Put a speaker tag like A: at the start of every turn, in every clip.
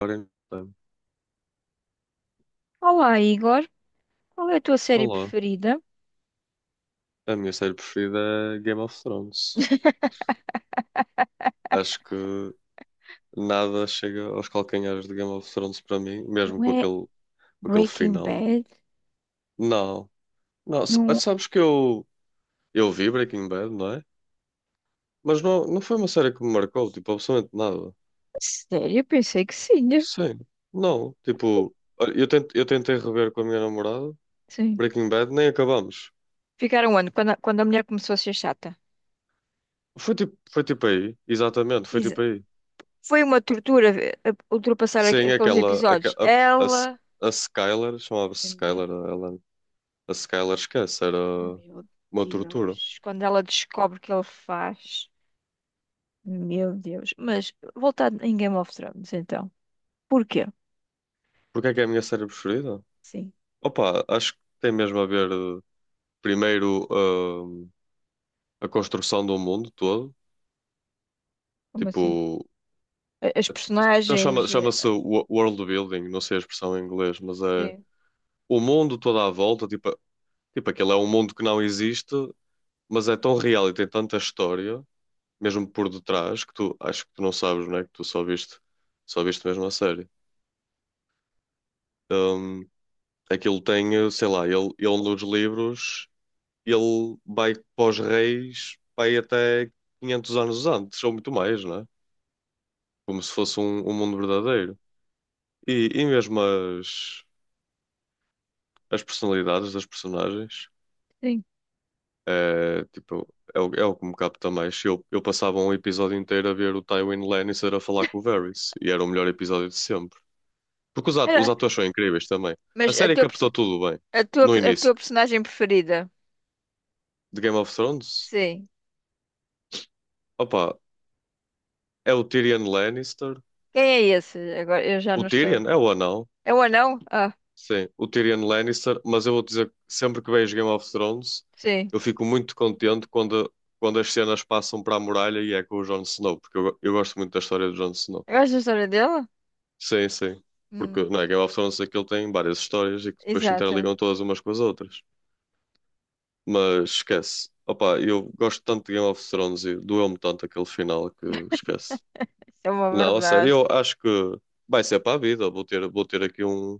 A: Ora então,
B: Olá, Igor. Qual é a tua série
A: olá.
B: preferida?
A: A minha série preferida é Game of Thrones. Acho que nada chega aos calcanhares de Game of Thrones para mim, mesmo
B: Não
A: com
B: é
A: aquele, com aquele
B: Breaking
A: final.
B: Bad?
A: Não, não,
B: Não.
A: sabes que eu vi Breaking Bad, não é? Mas não, não foi uma série que me marcou, tipo, absolutamente nada.
B: Sério? Eu pensei que sim, né?
A: Sim, não, tipo, olha, eu tentei rever com a minha namorada
B: Sim.
A: Breaking Bad, nem acabamos.
B: Ficaram onde? Quando a mulher começou a ser chata.
A: Foi tipo aí, exatamente, foi tipo
B: Isa.
A: aí.
B: Foi uma tortura ultrapassar
A: Sim,
B: aqueles
A: aquela, aque-
B: episódios.
A: a, S-
B: Ela.
A: a Skylar, chamava-se
B: Meu,
A: Skylar, ela, a Skylar esquece, era
B: meu
A: uma tortura.
B: Deus. Quando ela descobre o que ele faz. Meu Deus. Mas voltar em Game of Thrones, então. Porquê?
A: Porque é que é a minha série preferida?
B: Sim.
A: Opa, acho que tem mesmo a ver, primeiro, a construção do mundo todo,
B: Como assim?
A: tipo,
B: As
A: então chama,
B: personagens.
A: chama-se world building, não sei a expressão em inglês, mas é
B: Sim.
A: o mundo todo à volta, tipo aquele é um mundo que não existe, mas é tão real e tem tanta história mesmo por detrás, que tu acho que tu não sabes, não é? Que tu só viste mesmo a série. Hum, Aquilo tem, sei lá, ele nos livros, ele vai para os reis, vai até 500 anos antes, ou muito mais, não é? Como se fosse um mundo verdadeiro. E mesmo as personalidades das personagens,
B: Sim.
A: é, tipo, é o que me capta mais. Eu passava um episódio inteiro a ver o Tywin Lannister a falar com o Varys, e era o melhor episódio de sempre. Porque os
B: Era.
A: atores são incríveis também. A
B: Mas a
A: série
B: teu
A: captou
B: personagem.
A: tudo bem
B: A tua,
A: no
B: a
A: início
B: tua personagem preferida?
A: de Game of Thrones.
B: Sim.
A: Opa, é o Tyrion Lannister.
B: Quem é esse? Agora eu já
A: O
B: não estou.
A: Tyrion é o anão.
B: É o anão? Ah,
A: Sim, o Tyrion Lannister. Mas eu vou dizer que sempre que vejo Game of Thrones,
B: sim.
A: eu fico muito contente quando, quando as cenas passam para a muralha e é com o Jon Snow, porque eu gosto muito da história do Jon Snow.
B: Gostas da história dele?
A: Sim, sim. Porque
B: Hum,
A: não é, Game of Thrones aquilo tem várias histórias e que depois se
B: exato.
A: interligam todas umas com as outras. Mas esquece. Opa, eu gosto tanto de Game of Thrones e doeu-me tanto aquele final que esquece.
B: Isso é uma
A: Não, a sério,
B: verdade.
A: eu acho que vai ser para a vida. Vou ter aqui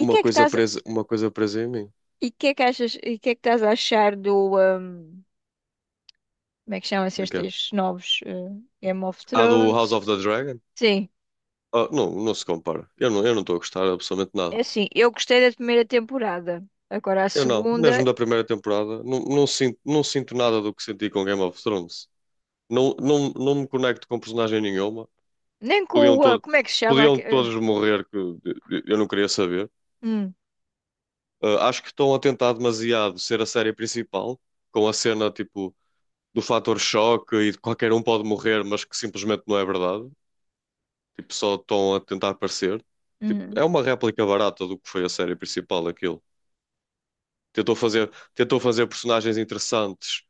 B: E que é que estás,
A: uma coisa presa em mim.
B: e que é que achas, e que é que estás a achar do, como é que chamam-se
A: De quê?
B: estes novos, Game of
A: A do House
B: Thrones?
A: of the Dragon?
B: Sim.
A: Ah, não, não se compara. Eu não estou a gostar absolutamente nada.
B: É assim, eu gostei da primeira temporada. Agora a
A: Eu não, mesmo
B: segunda,
A: da primeira temporada, não sinto nada do que senti com Game of Thrones. Não, não, não me conecto com personagem nenhuma.
B: nem com
A: Podiam,
B: o, ah,
A: todo,
B: como é que se chama?
A: Podiam todos morrer, que eu não queria saber.
B: Hum,
A: Acho que estão a tentar demasiado ser a série principal, com a cena tipo do fator choque e de qualquer um pode morrer, mas que simplesmente não é verdade. Tipo, só estão a tentar parecer. Tipo,
B: hum.
A: é uma réplica barata do que foi a série principal, aquilo. Tentou fazer personagens interessantes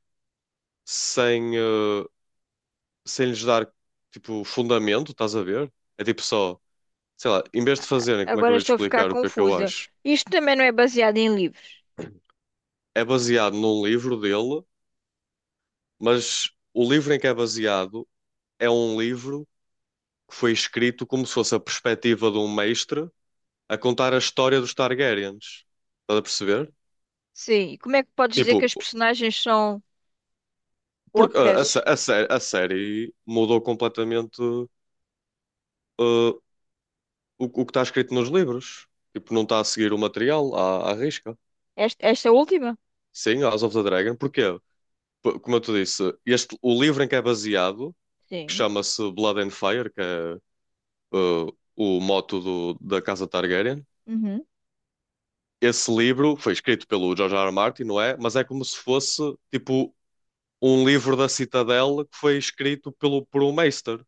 A: sem, uh, sem lhes dar tipo fundamento, estás a ver? É tipo só, sei lá, em vez de fazerem, como é que
B: Agora
A: eu ia te
B: estou a ficar
A: explicar o que é que eu
B: confusa.
A: acho?
B: Isto também não é baseado em livros.
A: É baseado num livro dele, mas o livro em que é baseado é um livro que foi escrito como se fosse a perspectiva de um mestre a contar a história dos Targaryens. Estás a perceber?
B: Sim, e como é que podes dizer que
A: Tipo,
B: as personagens são
A: porque a, a, sé-
B: ocas?
A: a sé- a série mudou completamente, o, o que está escrito nos livros. Tipo, não está a seguir o material à risca.
B: Esta última?
A: Sim, House of the Dragon. Porquê? Como eu te disse, este, o livro em que é baseado, que
B: Sim.
A: chama-se Blood and Fire, que é, o moto da Casa Targaryen,
B: Uhum.
A: esse livro foi escrito pelo George R. R. Martin, não é? Mas é como se fosse tipo um livro da Citadel que foi escrito por um Meister.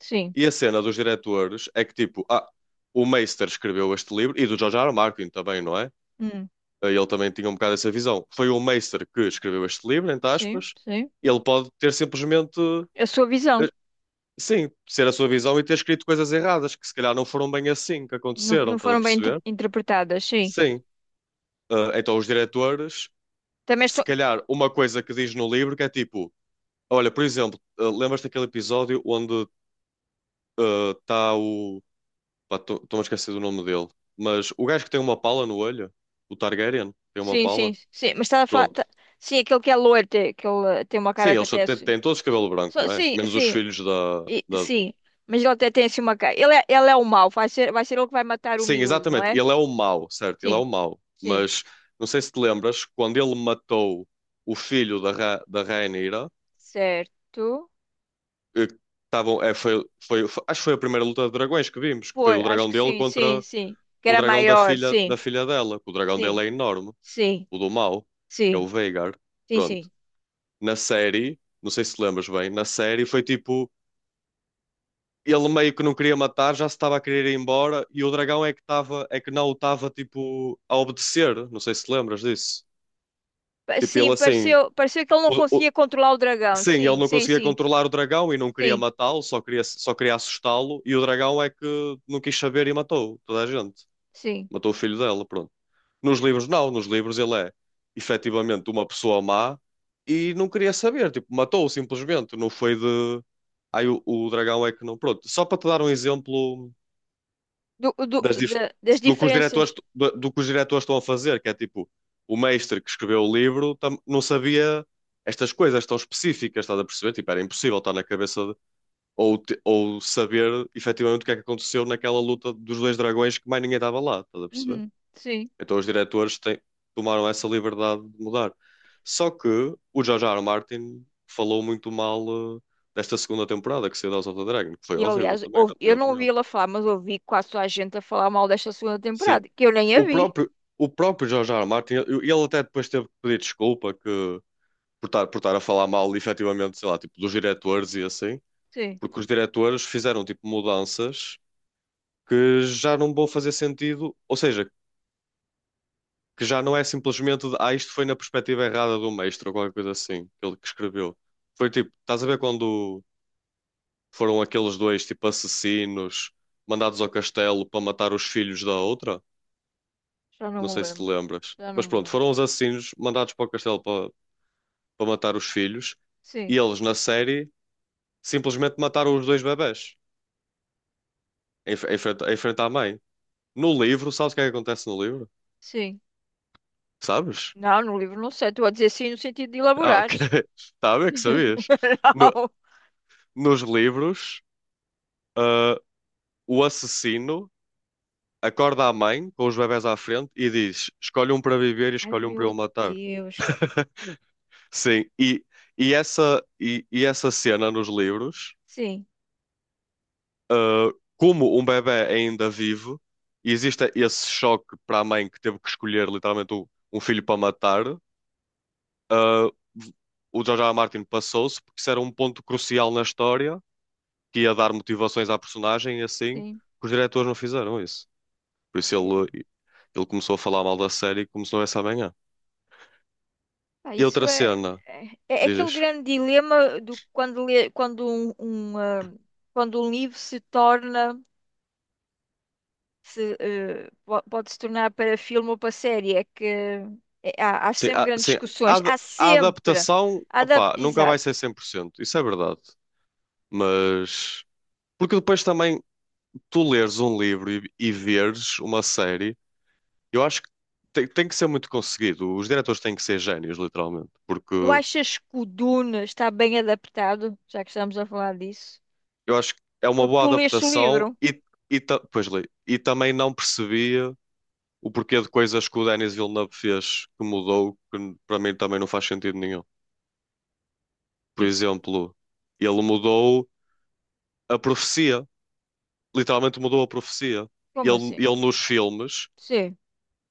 B: Sim.
A: E a cena dos diretores é que tipo, o Meister escreveu este livro e do George R. R. Martin também, não é?
B: Hum.
A: Ele também tinha um bocado essa visão. Foi o Meister que escreveu este livro, entre
B: Sim,
A: aspas.
B: sim.
A: Ele pode ter simplesmente,
B: A sua
A: eh,
B: visão.
A: sim, ser a sua visão e ter escrito coisas erradas que se calhar não foram bem assim que
B: Não,
A: aconteceram,
B: não
A: estás a
B: foram bem
A: perceber?
B: interpretadas, sim.
A: Sim. Ah, então os diretores
B: Também
A: se
B: estou.
A: calhar uma coisa que diz no livro que é tipo, olha, por exemplo, lembras-te daquele episódio onde está o. Pá, estou-me a esquecer do nome dele, mas o gajo que tem uma pala no olho, o Targaryen, tem uma
B: Sim, sim,
A: pala.
B: sim. Mas estás a falar.
A: Pronto.
B: Sim, aquele que é loiro, tem, que ele tem uma
A: Sim,
B: cara que
A: eles só
B: até.
A: têm, têm todos cabelo branco, não é?
B: Sim,
A: Menos os
B: sim.
A: filhos da, da.
B: Sim. Mas ele até tem assim uma cara. Ele é o mau, vai ser ele que vai matar o
A: Sim,
B: miúdo, não
A: exatamente.
B: é?
A: Ele é o mau, certo? Ele é
B: Sim,
A: o mau.
B: sim.
A: Mas não sei se te lembras, quando ele matou o filho da Rhaenyra,
B: Certo.
A: eh, estavam, é, foi, foi, foi- acho que foi a primeira luta de dragões que vimos, que foi
B: Foi,
A: o
B: acho
A: dragão
B: que
A: dele
B: sim, sim,
A: contra
B: sim. Que
A: o
B: era
A: dragão da
B: maior,
A: filha, da
B: sim,
A: filha dela, que o dragão dele
B: sim,
A: é enorme.
B: sim,
A: O do mal é o
B: sim,
A: Veigar.
B: sim,
A: Pronto.
B: sim.
A: Na série, não sei se te lembras bem, na série foi tipo. Ele meio que não queria matar, já se estava a querer ir embora, e o dragão estava é que não o estava tipo a obedecer. Não sei se te lembras disso. Tipo, ele
B: Sim,
A: assim.
B: pareceu, pareceu que ele não
A: o- o-
B: conseguia controlar o dragão.
A: sim, ele
B: Sim,
A: não
B: sim,
A: conseguia
B: sim,
A: controlar o dragão e não queria
B: sim,
A: matá-lo, só queria assustá-lo, e o dragão é que não quis saber e matou toda a gente.
B: sim.
A: Matou o filho dela, pronto. Nos livros, não, nos livros ele é efetivamente uma pessoa má e não queria saber, tipo, matou-o simplesmente, não foi de. Aí o dragão é que não. Pronto, só para te dar um exemplo
B: Do, do,
A: das dif-
B: das
A: do que os diretores,
B: diferenças.
A: do que os diretores estão a fazer, que é tipo, o mestre que escreveu o livro não sabia estas coisas tão específicas, estás a perceber? Tipo, era impossível estar na cabeça ou, ou saber efetivamente o que é que aconteceu naquela luta dos dois dragões que mais ninguém estava lá, estás a perceber?
B: Uhum, sim.
A: Então os diretores tomaram essa liberdade de mudar. Só que o George R. R. Martin falou muito mal, desta segunda temporada que saiu de House of the Dragon, que foi
B: E
A: horrível
B: aliás,
A: também, na
B: eu
A: minha
B: não ouvi
A: opinião.
B: ela falar, mas ouvi quase toda a gente a falar mal desta segunda
A: Sim.
B: temporada, que eu nem a
A: O
B: vi.
A: próprio, o próprio George R. R. Martin, ele até depois teve que pedir desculpa que, por estar a falar mal, efetivamente, sei lá, tipo, dos diretores e assim,
B: Sim,
A: porque os diretores fizeram, tipo, mudanças que já não vão fazer sentido, ou seja, que já não é simplesmente de, isto foi na perspectiva errada do mestre ou qualquer coisa assim, que ele que escreveu. Foi tipo, estás a ver quando foram aqueles dois, tipo, assassinos mandados ao castelo para matar os filhos da outra?
B: já não
A: Não
B: me
A: sei se te
B: lembro.
A: lembras.
B: Já não
A: Mas
B: me
A: pronto,
B: lembro.
A: foram os assassinos mandados para o castelo para, para matar os filhos,
B: Sim,
A: e eles na série simplesmente mataram os dois bebés em frente à mãe. No livro, sabes o que é que acontece no livro?
B: sim.
A: Sabes?
B: Não, no livro não sei. Estou a dizer sim no sentido de
A: Ah, ok.
B: elaborares.
A: Tá a ver que sabias. No-
B: Não.
A: Nos livros. Uh, o assassino acorda a mãe com os bebés à frente e diz: Escolhe um para viver e
B: Ai,
A: escolhe um para
B: meu
A: eu matar.
B: Deus.
A: Sim, e essa cena nos livros,
B: Sim,
A: ah, como um bebé é ainda vivo, e existe esse choque para a mãe que teve que escolher literalmente um, filho para matar, ah, o George R. R. Martin passou-se porque isso era um ponto crucial na história que ia dar motivações à personagem e assim, que
B: sim.
A: os diretores não fizeram isso. Por isso
B: É.
A: ele começou a falar mal da série e começou essa manhã.
B: Ah,
A: E
B: isso
A: outra
B: é,
A: cena,
B: é, é aquele
A: dizes?
B: grande dilema do quando, quando um, ah, quando um livro se torna, se, pode se tornar para filme ou para série. Há, há
A: Sim,
B: sempre grandes
A: sim, a,
B: discussões.
A: ad-
B: Há
A: a
B: sempre.
A: adaptação,
B: Adap
A: opá, nunca vai
B: exato.
A: ser 100%. Isso é verdade. Mas. Porque depois também tu leres um livro e veres uma série, eu acho que tem que ser muito conseguido. Os diretores têm que ser génios, literalmente. Porque
B: Tu achas que o Dune está bem adaptado, já que estamos a falar disso?
A: eu acho que é uma
B: Porque
A: boa
B: tu leste o livro.
A: adaptação e pois, li. E também não percebia o porquê de coisas que o Denis Villeneuve fez que mudou, que para mim também não faz sentido nenhum. Por
B: Tipo,
A: exemplo, ele mudou a profecia, literalmente mudou a profecia.
B: como
A: Ele,
B: assim?
A: ele nos filmes
B: Sim.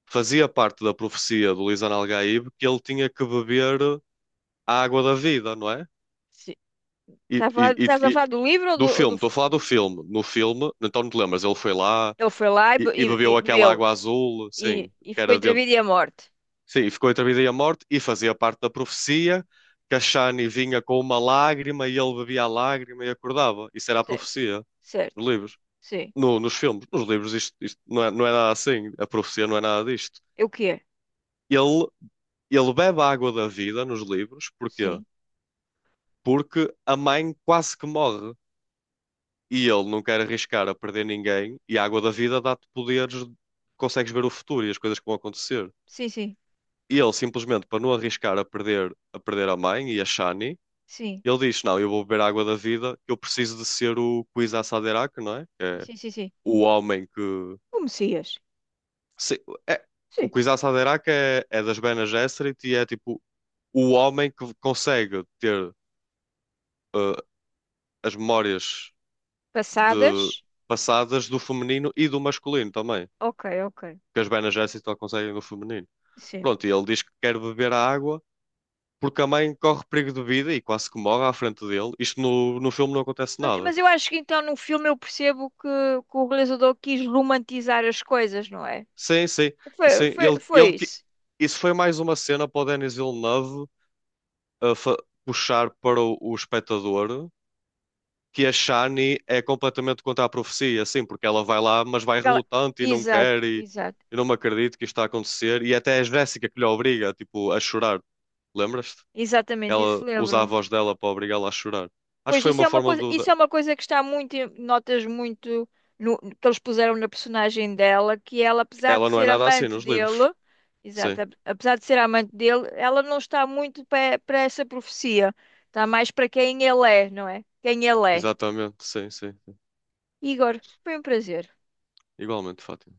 A: fazia parte da profecia do Lisan Al-Gaib que ele tinha que beber a água da vida, não é?
B: Sim.
A: E,
B: Estás a falar
A: e-
B: estás a
A: e- e-
B: falar do livro
A: do
B: ou
A: filme,
B: do
A: estou a falar do filme. No filme, então não te lembras, ele foi lá
B: Ele foi lá e,
A: e
B: e
A: bebeu aquela
B: bebeu
A: água azul, sim,
B: e
A: que
B: ficou
A: era
B: entre a
A: dentro.
B: vida e a morte.
A: Sim, e ficou entre a vida e a morte e fazia parte da profecia que a Shani vinha com uma lágrima e ele bebia a lágrima e acordava. Isso era a
B: Certo,
A: profecia dos
B: certo.
A: livros.
B: Sim.
A: Nos filmes, nos livros, isto não é, nada assim. A profecia não é nada disto.
B: Eu quero.
A: Ele, ele bebe a água da vida nos livros, porquê?
B: Sim.
A: Porque a mãe quase que morre e ele não quer arriscar a perder ninguém. E a água da vida dá-te poderes, consegues ver o futuro e as coisas que vão acontecer.
B: Sim, sim.
A: E ele, simplesmente, para não arriscar a, perder a mãe e a Shani,
B: Sim.
A: ele diz: Não, eu vou beber a água da vida, que eu preciso de ser o Kwisatz Haderach, não é? Que é
B: Sim, sim, sim.
A: o homem que.
B: O Messias.
A: Sim, é- o
B: Sim.
A: Quis à Saderac é das Bene Gesserit e é tipo o homem que consegue ter, eh, as memórias de
B: Passadas.
A: passadas do feminino e do masculino também,
B: Ok, ok.
A: que as Bene Gesserit só conseguem do feminino.
B: Sim.
A: Pronto, e ele diz que quer beber a água porque a mãe corre perigo de vida e quase que morre à frente dele. Isto no filme não acontece nada.
B: Mas eu acho que então no filme eu percebo que o realizador quis romantizar as coisas, não é?
A: Sim, sim, sim,
B: Foi, foi, foi isso.
A: isso foi mais uma cena para o Denis Villeneuve eh, fa- puxar para o espectador que a Shani é completamente contra a profecia, assim, porque ela vai lá, mas vai
B: Ela-
A: relutante e não
B: Exato,
A: quer, e,
B: exato.
A: e não me acredito que isto está a acontecer. E até é a Jéssica que lhe obriga, tipo, a chorar. Lembras-te?
B: Exatamente,
A: Ela
B: isso
A: usa a
B: lembro.
A: voz dela para obrigá-la a chorar. Acho que
B: Pois
A: foi
B: isso
A: uma
B: é uma
A: forma
B: coisa,
A: do. Da-
B: isso é uma coisa que está muito, notas muito que eles puseram na personagem dela, que ela, apesar de
A: Ela não é
B: ser
A: nada assim
B: amante
A: nos livros.
B: dele, exato,
A: Sim,
B: apesar de ser amante dele, ela não está muito para essa profecia. Está mais para quem ele é, não é? Quem ele é.
A: exatamente. Sim, sim. Sim.
B: Igor, foi um prazer.
A: Igualmente, Fátima.